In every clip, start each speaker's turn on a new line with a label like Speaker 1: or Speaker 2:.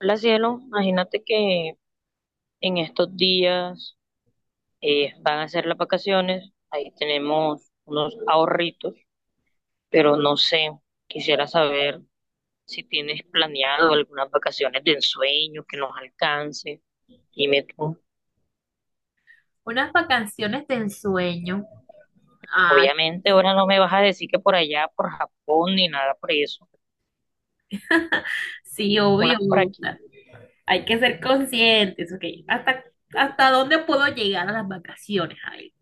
Speaker 1: Hola, cielo, imagínate que en estos días van a ser las vacaciones, ahí tenemos unos ahorritos, pero no sé, quisiera saber si tienes planeado algunas vacaciones de ensueño que nos alcance. Dime tú,
Speaker 2: Unas vacaciones de ensueño. Ay,
Speaker 1: obviamente ahora no me vas a decir que por allá, por Japón, ni nada por eso,
Speaker 2: sí, obvio.
Speaker 1: unas por aquí.
Speaker 2: Hay que ser conscientes, ok. ¿Hasta dónde puedo llegar a las vacaciones? A ver,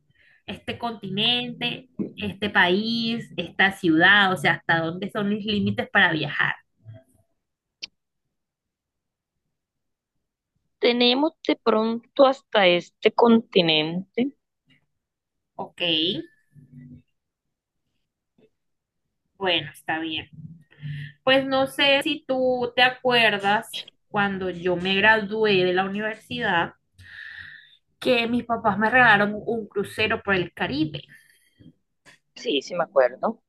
Speaker 2: este continente, este país, esta ciudad, o sea, ¿hasta dónde son mis límites para viajar?
Speaker 1: Tenemos de pronto hasta este continente.
Speaker 2: Ok, bueno, está bien. Pues no sé si tú te acuerdas cuando yo me gradué de la universidad que mis papás me regalaron un crucero por el Caribe.
Speaker 1: Sí, sí me acuerdo,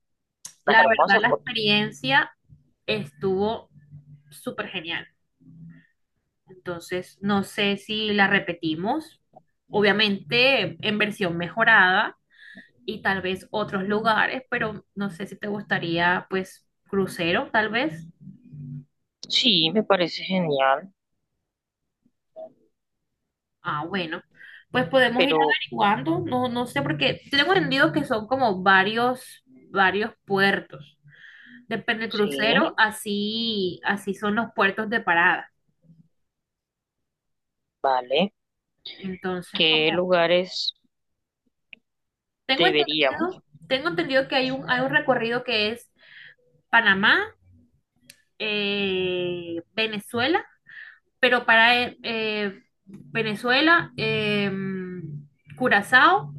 Speaker 1: las
Speaker 2: La verdad,
Speaker 1: hermosas
Speaker 2: la
Speaker 1: fotos.
Speaker 2: experiencia estuvo súper genial. Entonces, no sé si la repetimos, obviamente en versión mejorada y tal vez otros lugares, pero no sé si te gustaría, pues, crucero, tal vez.
Speaker 1: Sí, me parece genial.
Speaker 2: Ah, bueno, pues podemos ir
Speaker 1: Pero
Speaker 2: averiguando, no, no sé, porque tengo entendido que son como varios puertos. Depende del
Speaker 1: sí,
Speaker 2: crucero, así, así son los puertos de parada.
Speaker 1: vale.
Speaker 2: Entonces,
Speaker 1: ¿Qué
Speaker 2: como
Speaker 1: lugares
Speaker 2: Tengo
Speaker 1: deberíamos?
Speaker 2: entendido, tengo entendido que hay un recorrido que es Panamá, Venezuela, pero para Venezuela, Curazao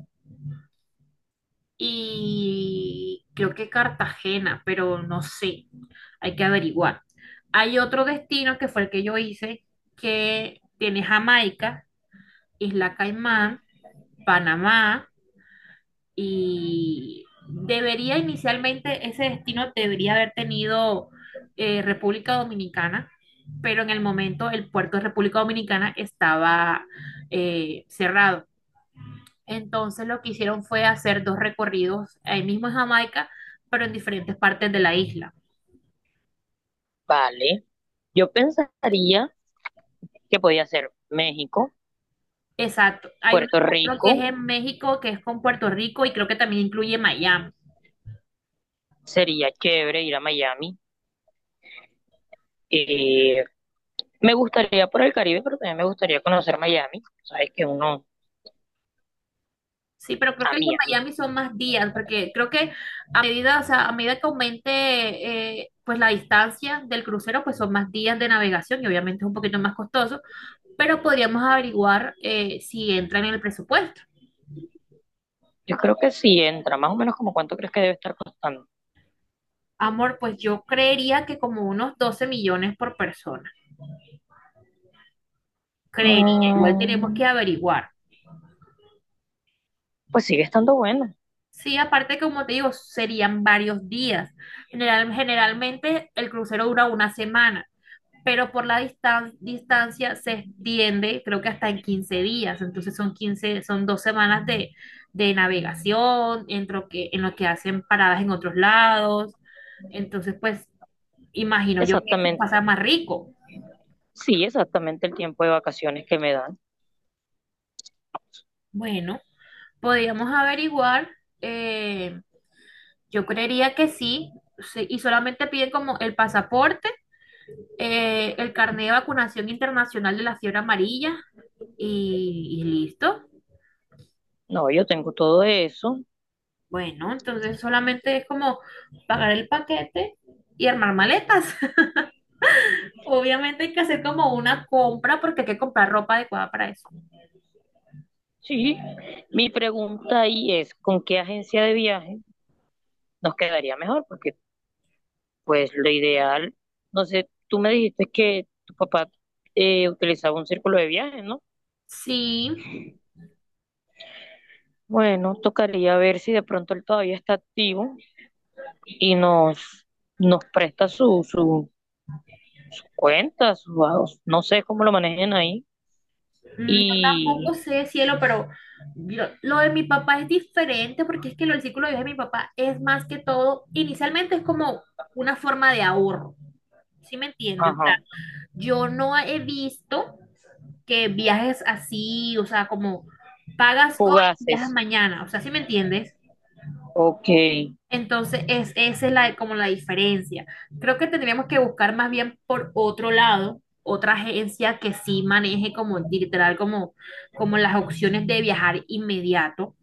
Speaker 2: y creo que Cartagena, pero no sé, hay que averiguar. Hay otro destino que fue el que yo hice, que tiene Jamaica, Isla Caimán, Panamá, y debería inicialmente ese destino debería haber tenido República Dominicana, pero en el momento el puerto de República Dominicana estaba cerrado. Entonces lo que hicieron fue hacer dos recorridos ahí mismo en Jamaica, pero en diferentes partes de la isla.
Speaker 1: Vale. Yo pensaría que podía ser México,
Speaker 2: Exacto. Hay uno,
Speaker 1: Puerto
Speaker 2: creo que es
Speaker 1: Rico,
Speaker 2: en México, que es con Puerto Rico y creo que también incluye Miami.
Speaker 1: sería chévere ir a Miami. Eh, me gustaría por el Caribe, pero también me gustaría conocer Miami. Sabes que uno,
Speaker 2: Sí, pero creo
Speaker 1: a
Speaker 2: que el de
Speaker 1: mí, a mí.
Speaker 2: Miami son más días, porque creo que a medida, o sea, a medida que aumente pues la distancia del crucero, pues son más días de navegación y obviamente es un poquito más costoso, pero podríamos averiguar si entra en el presupuesto.
Speaker 1: Yo creo que sí entra, más o menos como cuánto crees que debe estar costando.
Speaker 2: Amor, pues yo creería que como unos 12 millones por persona. Creería, igual tenemos que
Speaker 1: Mm,
Speaker 2: averiguar.
Speaker 1: pues sigue estando bueno.
Speaker 2: Sí, aparte, como te digo, serían varios días. Generalmente el crucero dura una semana, pero por la distancia se extiende, creo que hasta en 15 días, entonces son 15, son 2 semanas de, navegación, en lo que hacen paradas en otros lados, entonces pues imagino yo que
Speaker 1: Exactamente,
Speaker 2: pasa más rico.
Speaker 1: sí, exactamente el tiempo de vacaciones que me dan.
Speaker 2: Bueno, podríamos averiguar, eh, yo creería que sí, sí, y solamente piden como el pasaporte, el carnet de vacunación internacional de la fiebre amarilla y listo.
Speaker 1: No, yo tengo todo eso.
Speaker 2: Bueno, entonces solamente es como pagar el paquete y armar maletas. Obviamente hay que hacer como una compra porque hay que comprar ropa adecuada para eso.
Speaker 1: Sí, mi pregunta ahí es, ¿con qué agencia de viaje nos quedaría mejor? Porque pues lo ideal, no sé, tú me dijiste que tu papá utilizaba un círculo de viaje, ¿no?
Speaker 2: Sí,
Speaker 1: Bueno, tocaría ver si de pronto él todavía está activo y nos presta su cuenta, no sé cómo lo manejen ahí.
Speaker 2: yo
Speaker 1: Y,
Speaker 2: tampoco sé, cielo, pero lo de mi papá es diferente porque es que lo del círculo de vida de mi papá es más que todo, inicialmente es como una forma de ahorro, ¿sí me entiendes? O sea,
Speaker 1: ajá,
Speaker 2: yo no he visto que viajes así, o sea, como pagas hoy y viajas
Speaker 1: fugaces,
Speaker 2: mañana, o sea, ¿sí me entiendes?
Speaker 1: ok,
Speaker 2: Entonces, esa es la, como la diferencia. Creo que tendríamos que buscar más bien por otro lado, otra agencia que sí maneje como literal, como las opciones de viajar inmediato,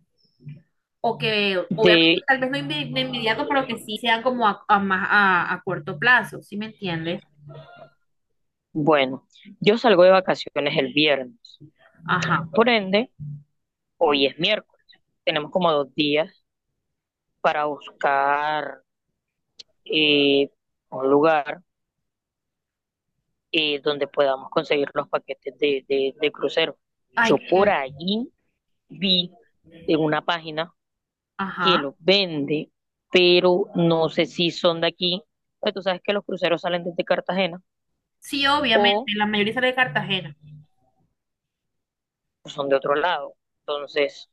Speaker 2: o que obviamente
Speaker 1: de,
Speaker 2: tal vez no de inmediato, pero que sí sean como a más, a corto plazo, ¿sí me entiendes?
Speaker 1: bueno, yo salgo de vacaciones el viernes.
Speaker 2: Ajá.
Speaker 1: Por ende, hoy es miércoles, tenemos como dos días para buscar eh, un lugar, donde podamos conseguir los paquetes de crucero. Yo
Speaker 2: Ay,
Speaker 1: por
Speaker 2: que,
Speaker 1: allí vi en una página que
Speaker 2: ajá.
Speaker 1: los vende, pero no sé si son de aquí. Pues tú sabes que los cruceros salen desde Cartagena
Speaker 2: Sí, obviamente,
Speaker 1: o
Speaker 2: la mayoría sale de Cartagena.
Speaker 1: son de otro lado. Entonces,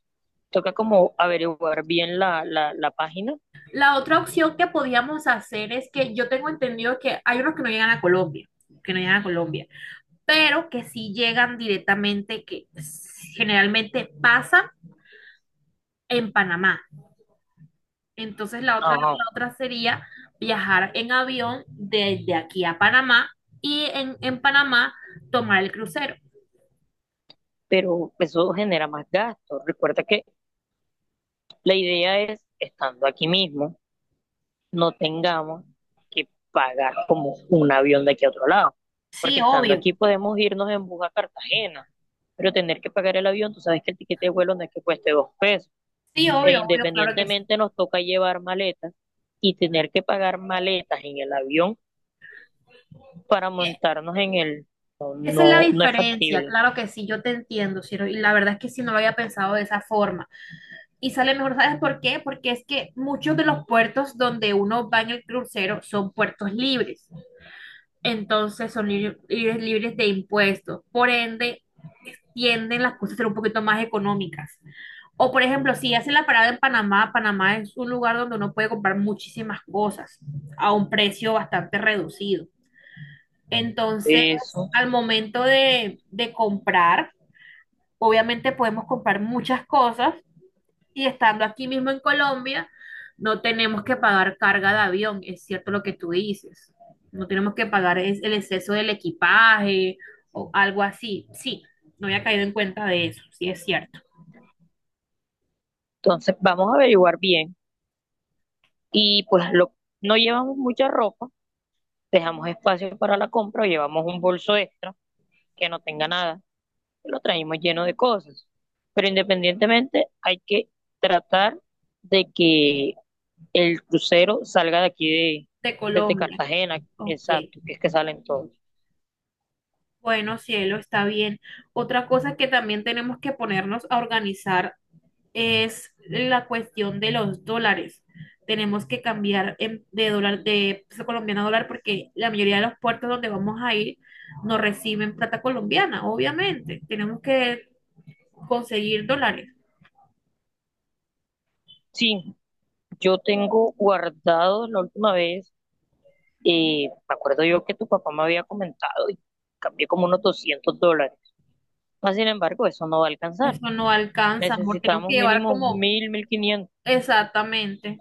Speaker 1: toca como averiguar bien la página.
Speaker 2: La otra opción que podíamos hacer es que yo tengo entendido que hay unos que no llegan a Colombia, que no llegan a Colombia, pero que sí llegan directamente, que generalmente pasan en Panamá. Entonces la otra,
Speaker 1: Ajá.
Speaker 2: la otra sería viajar en avión desde aquí a Panamá y en Panamá tomar el crucero.
Speaker 1: Pero eso genera más gastos. Recuerda que la idea es, estando aquí mismo, no tengamos que pagar como un avión de aquí a otro lado, porque
Speaker 2: Sí,
Speaker 1: estando
Speaker 2: obvio,
Speaker 1: aquí podemos irnos en bus a Cartagena, pero tener que pagar el avión, tú sabes que el tiquete de vuelo no es que cueste dos pesos,
Speaker 2: sí,
Speaker 1: e
Speaker 2: obvio, obvio, claro que sí.
Speaker 1: independientemente nos toca llevar maletas y tener que pagar maletas en el avión para montarnos en el,
Speaker 2: Esa es la
Speaker 1: no es
Speaker 2: diferencia,
Speaker 1: factible
Speaker 2: claro que sí, yo te entiendo, Ciro, y la verdad es que sí no lo había pensado de esa forma. Y sale mejor, ¿sabes por qué? Porque es que muchos de los puertos donde uno va en el crucero son puertos libres. Entonces son libres, libres, libres de impuestos. Por ende, tienden las cosas a ser un poquito más económicas. O por ejemplo, si hacen la parada en Panamá, Panamá es un lugar donde uno puede comprar muchísimas cosas a un precio bastante reducido. Entonces,
Speaker 1: eso.
Speaker 2: al momento de, comprar, obviamente podemos comprar muchas cosas y estando aquí mismo en Colombia, no tenemos que pagar carga de avión, es cierto lo que tú dices. No tenemos que pagar el exceso del equipaje o algo así. Sí, no había caído en cuenta de eso, sí es cierto.
Speaker 1: Entonces vamos a averiguar bien y pues lo, no llevamos mucha ropa, dejamos espacio para la compra o llevamos un bolso extra que no tenga nada, y lo traemos lleno de cosas. Pero independientemente, hay que tratar de que el crucero salga de aquí
Speaker 2: De
Speaker 1: desde
Speaker 2: Colombia,
Speaker 1: Cartagena,
Speaker 2: ok.
Speaker 1: exacto, que es que salen todos.
Speaker 2: Bueno, cielo, está bien. Otra cosa que también tenemos que ponernos a organizar es la cuestión de los dólares. Tenemos que cambiar de dólar, de peso colombiano a dólar, porque la mayoría de los puertos donde vamos a ir no reciben plata colombiana, obviamente. Tenemos que conseguir dólares.
Speaker 1: Sí, yo tengo guardado la última vez, me acuerdo yo que tu papá me había comentado y cambié como unos $200. Mas, sin embargo, eso no va a alcanzar.
Speaker 2: Eso no alcanza, amor. Tenemos
Speaker 1: Necesitamos
Speaker 2: que llevar
Speaker 1: mínimo
Speaker 2: como
Speaker 1: 1500.
Speaker 2: exactamente.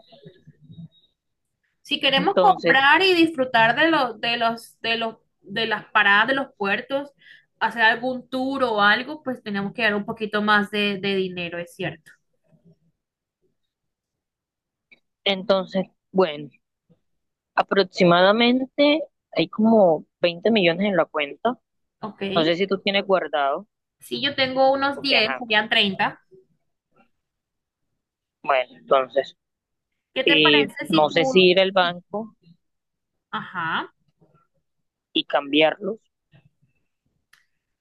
Speaker 2: Si queremos
Speaker 1: Entonces,
Speaker 2: comprar y disfrutar de las paradas de los puertos, hacer algún tour o algo, pues tenemos que dar un poquito más de dinero, es cierto.
Speaker 1: entonces, bueno, aproximadamente hay como 20 millones en la cuenta.
Speaker 2: Ok.
Speaker 1: No sé si tú tienes guardado,
Speaker 2: Si yo tengo unos
Speaker 1: porque
Speaker 2: 10,
Speaker 1: ajá,
Speaker 2: serían 30.
Speaker 1: bueno, entonces,
Speaker 2: ¿Qué te parece
Speaker 1: no
Speaker 2: si
Speaker 1: sé si
Speaker 2: tú...
Speaker 1: ir al
Speaker 2: si-
Speaker 1: banco
Speaker 2: Ajá.
Speaker 1: y cambiarlos,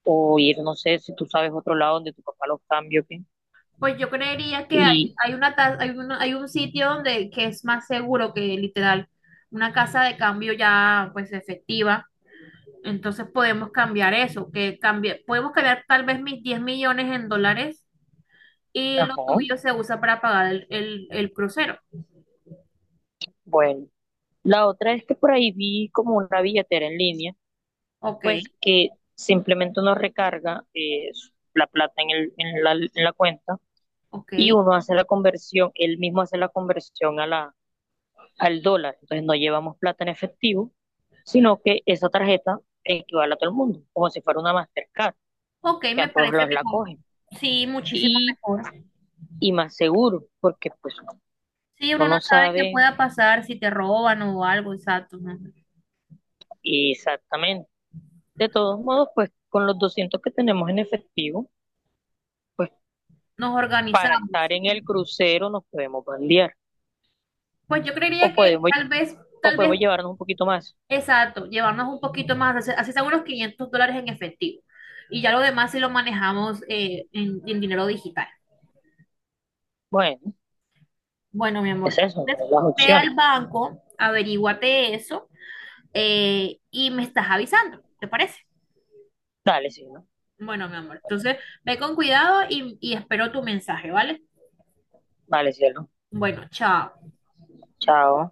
Speaker 1: o ir, no sé, si tú sabes otro lado donde tu papá los cambie, ¿ok?
Speaker 2: Pues yo creería que
Speaker 1: Y,
Speaker 2: hay una, ta- hay una- hay un sitio donde que es más seguro que literal una casa de cambio ya pues efectiva. Entonces podemos cambiar eso, que cambie, podemos cambiar tal vez mis 10 millones en dólares y lo
Speaker 1: ajá,
Speaker 2: tuyo se usa para pagar el, el crucero.
Speaker 1: bueno. La otra es que por ahí vi como una billetera en línea,
Speaker 2: Ok,
Speaker 1: pues que simplemente uno recarga la plata en el, en la cuenta y
Speaker 2: ok.
Speaker 1: uno hace la conversión, él mismo hace la conversión a la, al dólar. Entonces no llevamos plata en efectivo, sino que esa tarjeta equivale a todo el mundo, como si fuera una Mastercard,
Speaker 2: Ok,
Speaker 1: que a
Speaker 2: me
Speaker 1: todos
Speaker 2: parece
Speaker 1: los la
Speaker 2: mejor.
Speaker 1: cogen.
Speaker 2: Sí, muchísimo
Speaker 1: Y,
Speaker 2: mejor.
Speaker 1: y más seguro, porque pues
Speaker 2: Sí,
Speaker 1: uno
Speaker 2: uno no
Speaker 1: no
Speaker 2: sabe qué
Speaker 1: sabe
Speaker 2: pueda pasar si te roban o algo, exacto, ¿no?
Speaker 1: exactamente. De todos modos, pues con los 200 que tenemos en efectivo, pues
Speaker 2: Nos
Speaker 1: para estar
Speaker 2: organizamos.
Speaker 1: en el crucero nos podemos bandear,
Speaker 2: Pues yo
Speaker 1: o
Speaker 2: creería que
Speaker 1: podemos,
Speaker 2: tal vez,
Speaker 1: o
Speaker 2: tal
Speaker 1: podemos
Speaker 2: vez,
Speaker 1: llevarnos un poquito más.
Speaker 2: exacto, llevarnos un poquito más, así así sea unos $500 en efectivo. Y ya lo demás si lo manejamos en, dinero digital.
Speaker 1: Bueno,
Speaker 2: Bueno, mi
Speaker 1: es
Speaker 2: amor,
Speaker 1: eso, ¿no?,
Speaker 2: entonces,
Speaker 1: las
Speaker 2: ve
Speaker 1: opciones.
Speaker 2: al banco, averíguate eso, y me estás avisando, ¿te parece?
Speaker 1: Dale, sí, ¿no?
Speaker 2: Bueno, mi amor, entonces ve con cuidado y espero tu mensaje, ¿vale?
Speaker 1: Dale, sí, el
Speaker 2: Bueno, chao.
Speaker 1: chao.